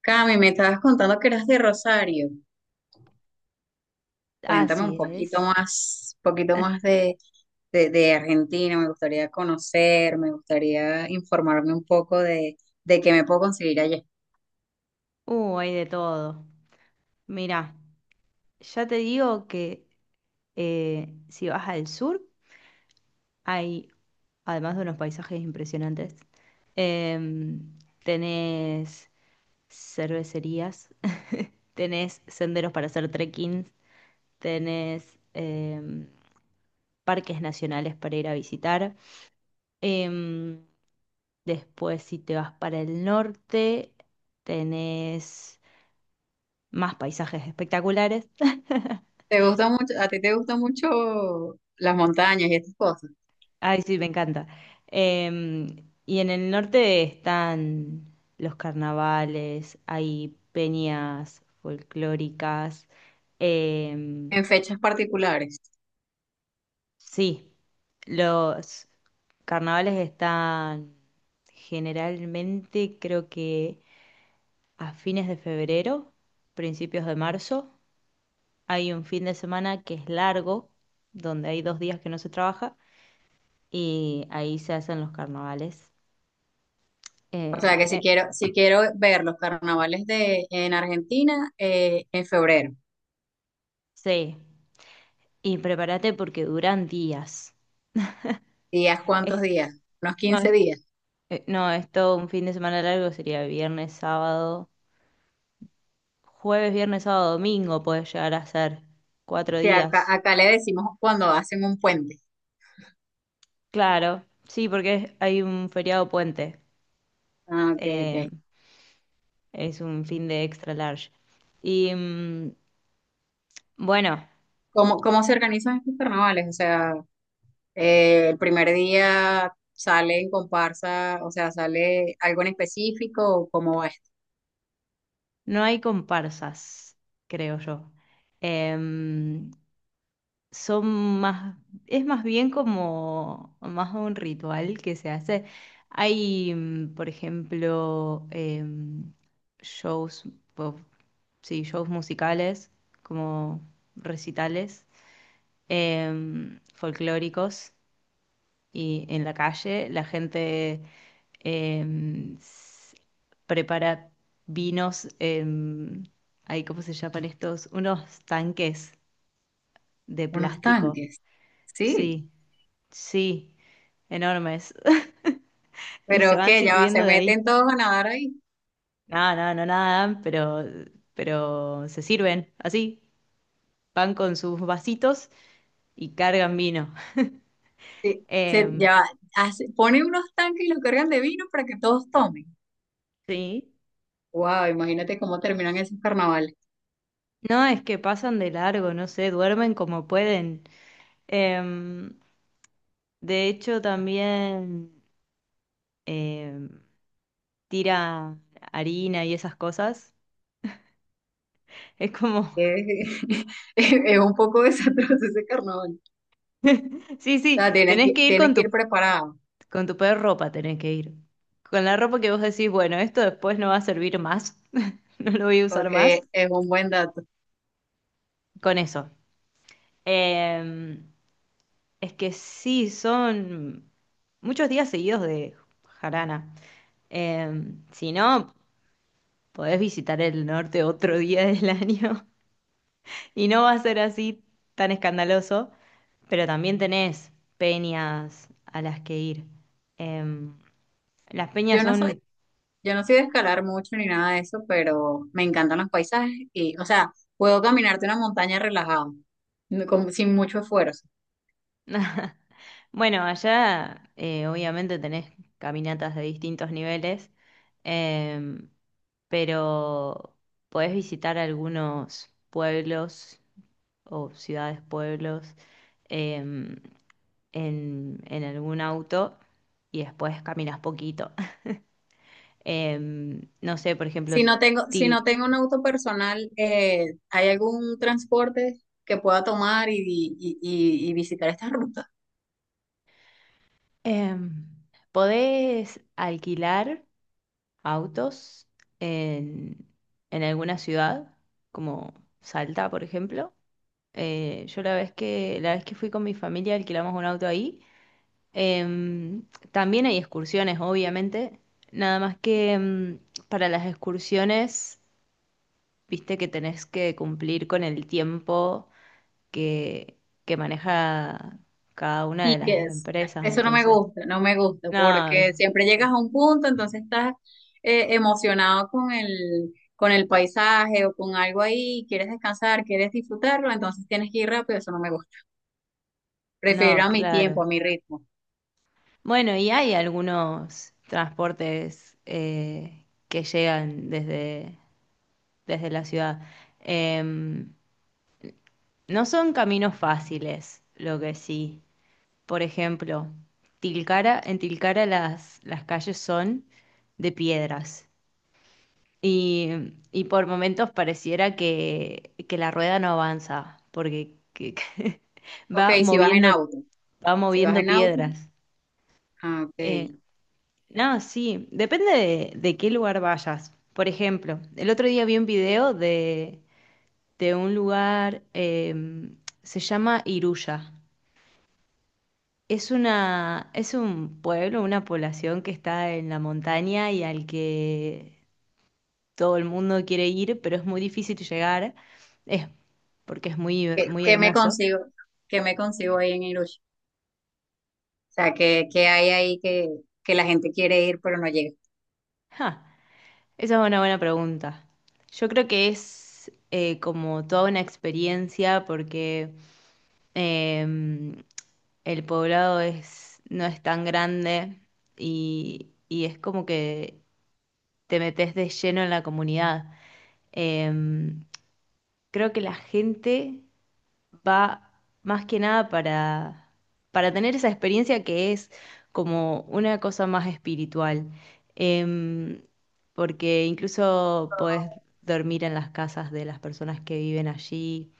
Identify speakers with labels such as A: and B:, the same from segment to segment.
A: Cami, me estabas contando que eras de Rosario. Cuéntame un
B: Así es.
A: poquito
B: Eh,
A: más de Argentina. Me gustaría conocer, me gustaría informarme un poco de qué me puedo conseguir allá.
B: Hay de todo. Mira, ya te digo que si vas al sur, hay, además de unos paisajes impresionantes, em, tenés cervecerías, tenés senderos para hacer trekking, tenés parques nacionales para ir a visitar. Em, Después, si te vas para el norte, tenés más paisajes espectaculares.
A: ¿Te gusta mucho, a ti te gustan mucho las montañas y estas cosas?
B: Ay, sí, me encanta. Em, y en el norte están los carnavales, hay peñas folclóricas. em,
A: En fechas particulares.
B: sí, los carnavales están generalmente, creo que a fines de febrero, principios de marzo. Hay un fin de semana que es largo, donde hay dos días que no se trabaja, y ahí se hacen los carnavales.
A: O
B: Eh,
A: sea que si
B: eh,
A: quiero, si quiero ver los carnavales en Argentina, en febrero.
B: sí. Y prepárate porque duran días.
A: ¿Días, cuántos
B: Es-
A: días? Unos
B: no, es-
A: 15 días.
B: No, es todo un fin de semana largo, sería viernes, sábado, jueves, viernes, sábado, domingo puede llegar a ser. Cuatro
A: Sí, acá,
B: días.
A: acá le decimos cuando hacen un puente.
B: Claro, sí, porque hay un feriado puente.
A: Ah, ok,
B: Eh,
A: ok.
B: es un fin de extra large. Y bueno,
A: ¿Cómo se organizan estos carnavales? O sea, el primer día sale en comparsa, o sea, sale algo en específico, o ¿cómo va esto?
B: no hay comparsas, creo yo. Em, son más, es más bien como más un ritual que se hace. Hay, por ejemplo, shows, po- sí, shows musicales, como recitales, folclóricos, y en la calle la gente em, s- prepara vinos, em, ay, ¿cómo se llaman estos? Unos tanques de
A: Unos
B: plástico,
A: tanques. Sí,
B: sí. Sí, enormes. Y se
A: pero
B: van
A: que ya va,
B: sirviendo
A: se
B: de ahí.
A: meten todos a nadar ahí.
B: No, no, no nadan, pero, se sirven así. Van con sus vasitos y cargan vino.
A: Sí, se,
B: Em,
A: ya va, ponen unos tanques y los cargan de vino para que todos tomen.
B: sí.
A: Wow, imagínate cómo terminan esos carnavales.
B: No, es que pasan de largo, no sé, duermen como pueden. Em, de hecho, también em, tira harina y esas cosas. Es como,
A: Es, es un poco desastroso ese carnaval.
B: sí,
A: O
B: sí,
A: sea, tienes
B: tenés
A: que,
B: que ir
A: tienes
B: con
A: que ir
B: tu.
A: preparado,
B: Con tu peor ropa tenés que ir. Con la ropa que vos decís, bueno, esto después no va a servir más, no lo voy a usar más.
A: porque es un buen dato.
B: Con eso. Eh, es que sí, son muchos días seguidos de jarana. Eh, si no, podés visitar el norte otro día del año y no va a ser así tan escandaloso, pero también tenés peñas a las que ir. Em, las peñas
A: Yo no soy
B: son.
A: Yo no soy de escalar mucho ni nada de eso, pero me encantan los paisajes y, o sea, puedo caminarte una montaña relajado, sin mucho esfuerzo.
B: Bueno, allá obviamente tenés caminatas de distintos niveles, em, pero podés visitar algunos pueblos o ciudades, pueblos em, en algún auto y después caminas poquito. No sé, por ejemplo,
A: Si no tengo, si no
B: Til,
A: tengo un auto personal, ¿hay algún transporte que pueda tomar y visitar esta ruta?
B: em, podés alquilar autos en, en alguna ciudad, como Salta, por ejemplo. Yo la vez que fui con mi familia alquilamos un auto ahí. Em, También hay excursiones, obviamente. Nada más que para las excursiones, viste que tenés que cumplir con el tiempo que, que maneja cada una
A: Y
B: de
A: Que
B: las
A: es-
B: empresas,
A: Eso no me
B: entonces.
A: gusta, no me gusta,
B: No,
A: porque
B: viste,
A: siempre llegas
B: sí.
A: a un punto, entonces estás emocionado con el paisaje o con algo ahí, quieres descansar, quieres disfrutarlo, entonces tienes que ir rápido, eso no me gusta. Prefiero
B: No,
A: a mi tiempo,
B: claro.
A: a mi ritmo.
B: Bueno, y hay algunos transportes que llegan desde, desde la ciudad. Em, no son caminos fáciles, lo que sí. Por ejemplo, Tilcara, en Tilcara las calles son de piedras y, y por momentos pareciera que la rueda no avanza porque
A: Ok,
B: va
A: si vas en
B: moviendo,
A: auto.
B: va
A: Si vas
B: moviendo
A: en auto,
B: piedras.
A: ah, ok.
B: Eh, No, sí, depende de qué lugar vayas. Por ejemplo, el otro día vi un video de un lugar, se llama Iruya. Es un pueblo, una población que está en la montaña y al que todo el mundo quiere ir, pero es muy difícil llegar, es porque es muy, muy
A: Qué me
B: hermoso.
A: consigo? ¿Qué me consigo ahí en Irush? O sea, qué hay ahí que la gente quiere ir pero no llega?
B: Ja, esa es una buena pregunta. Yo creo que es como toda una experiencia porque... em, el poblado es, no es tan grande y es como que te metes de lleno en la comunidad. Em, Creo que la gente va más que nada para tener esa experiencia que es como una cosa más espiritual. Em, Porque incluso podés dormir en las casas de las personas que viven allí.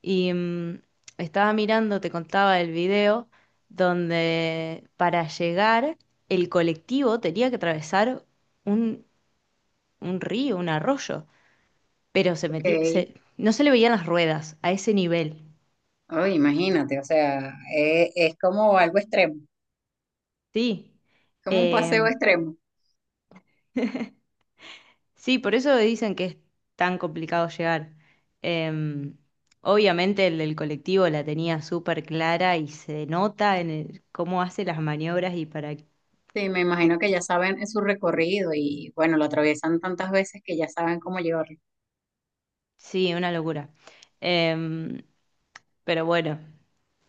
B: Y estaba mirando, te contaba el video, donde para llegar el colectivo tenía que atravesar un, un río, un arroyo, pero se
A: Ok.
B: metía, no se le veían las ruedas a ese nivel.
A: Oh, imagínate, o sea, es como algo extremo,
B: Sí,
A: como un paseo
B: Em,
A: extremo.
B: sí, por eso dicen que es tan complicado llegar. Em, Obviamente el del colectivo la tenía súper clara y se nota en el- cómo hace las maniobras y para.
A: Sí, me imagino que ya saben su recorrido y bueno, lo atraviesan tantas veces que ya saben cómo llevarlo.
B: Sí, una locura. Em, pero bueno,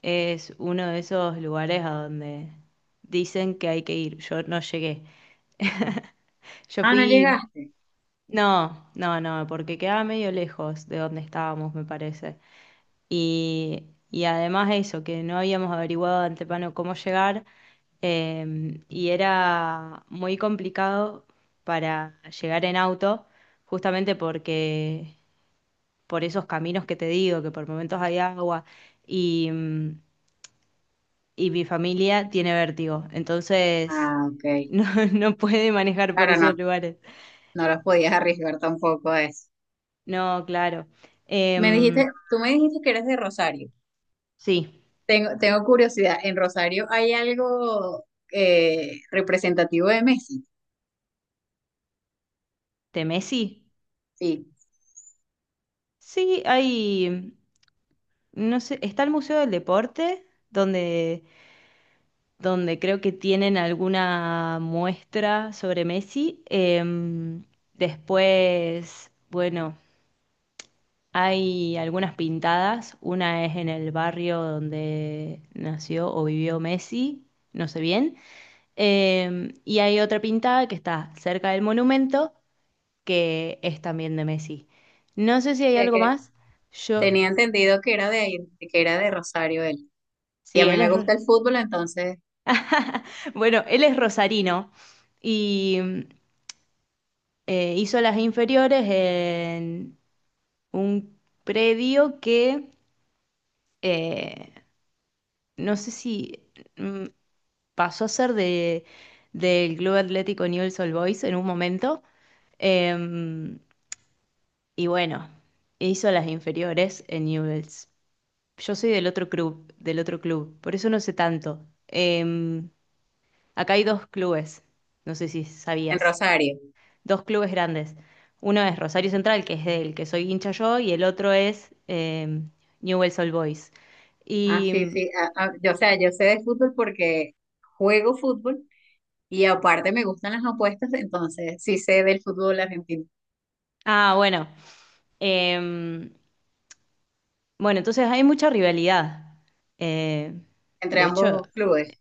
B: es uno de esos lugares a donde dicen que hay que ir. Yo no llegué. Yo
A: Ah, no
B: fui...
A: llegaste.
B: No, no, no, porque quedaba medio lejos de donde estábamos, me parece. Y, y además eso, que no habíamos averiguado de antemano cómo llegar. Y era muy complicado para llegar en auto, justamente porque por esos caminos que te digo, que por momentos hay agua y, y mi familia tiene vértigo, entonces
A: Ah, ok.
B: no, no puede manejar por
A: Claro,
B: esos
A: no,
B: lugares.
A: no los podías arriesgar tampoco a eso.
B: No, claro.
A: Me
B: Em,
A: dijiste, tú me dijiste que eres de Rosario.
B: sí,
A: Tengo curiosidad, ¿en Rosario hay algo representativo de Messi?
B: Temesi.
A: Sí,
B: Sí, hay, no sé, está el Museo del Deporte, donde, donde creo que tienen alguna muestra sobre Messi. Después, bueno. Hay algunas pintadas, una es en el barrio donde nació o vivió Messi, no sé bien, y hay otra pintada que está cerca del monumento que es también de Messi. No sé si hay
A: de
B: algo
A: que
B: más, yo,
A: tenía entendido que era de ahí, que era de Rosario él. Y a
B: sí,
A: mí me gusta el fútbol, entonces,
B: bueno, él es rosarino y hizo las inferiores en un predio eh, no sé si... mm, pasó a ser de, del Club Atlético Newell's Old Boys en un momento. Em, y bueno, hizo las inferiores en Newell's. Yo soy del otro club, por eso no sé tanto. Acá hay dos clubes, no sé si
A: en
B: sabías,
A: Rosario.
B: dos clubes grandes. Uno es Rosario Central, que es del que soy hincha yo, y el otro es Newell's Old Boys.
A: Ah, sí,
B: Y,
A: sí. Yo, o sea, yo sé de fútbol porque juego fútbol y aparte me gustan las apuestas, entonces sí sé del fútbol argentino,
B: ah, bueno, em, bueno, entonces hay mucha rivalidad. Eh,
A: entre
B: de hecho,
A: ambos clubes.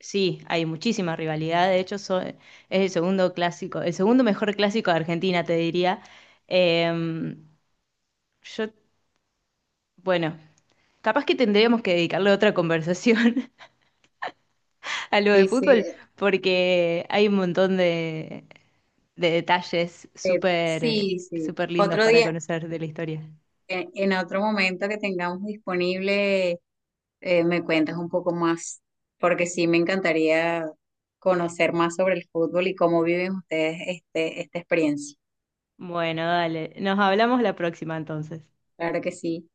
B: sí, hay muchísima rivalidad. De hecho, es el segundo clásico, el segundo mejor clásico de Argentina, te diría. Eh, yo, bueno, capaz que tendríamos que dedicarle otra conversación a lo de
A: Sí, sí,
B: fútbol, porque hay un montón de detalles súper,
A: sí, sí.
B: súper lindos
A: Otro
B: para
A: día.
B: conocer de la historia.
A: En otro momento que tengamos disponible, me cuentas un poco más, porque sí me encantaría conocer más sobre el fútbol y cómo viven ustedes esta experiencia.
B: Bueno, dale, nos hablamos la próxima entonces.
A: Claro que sí.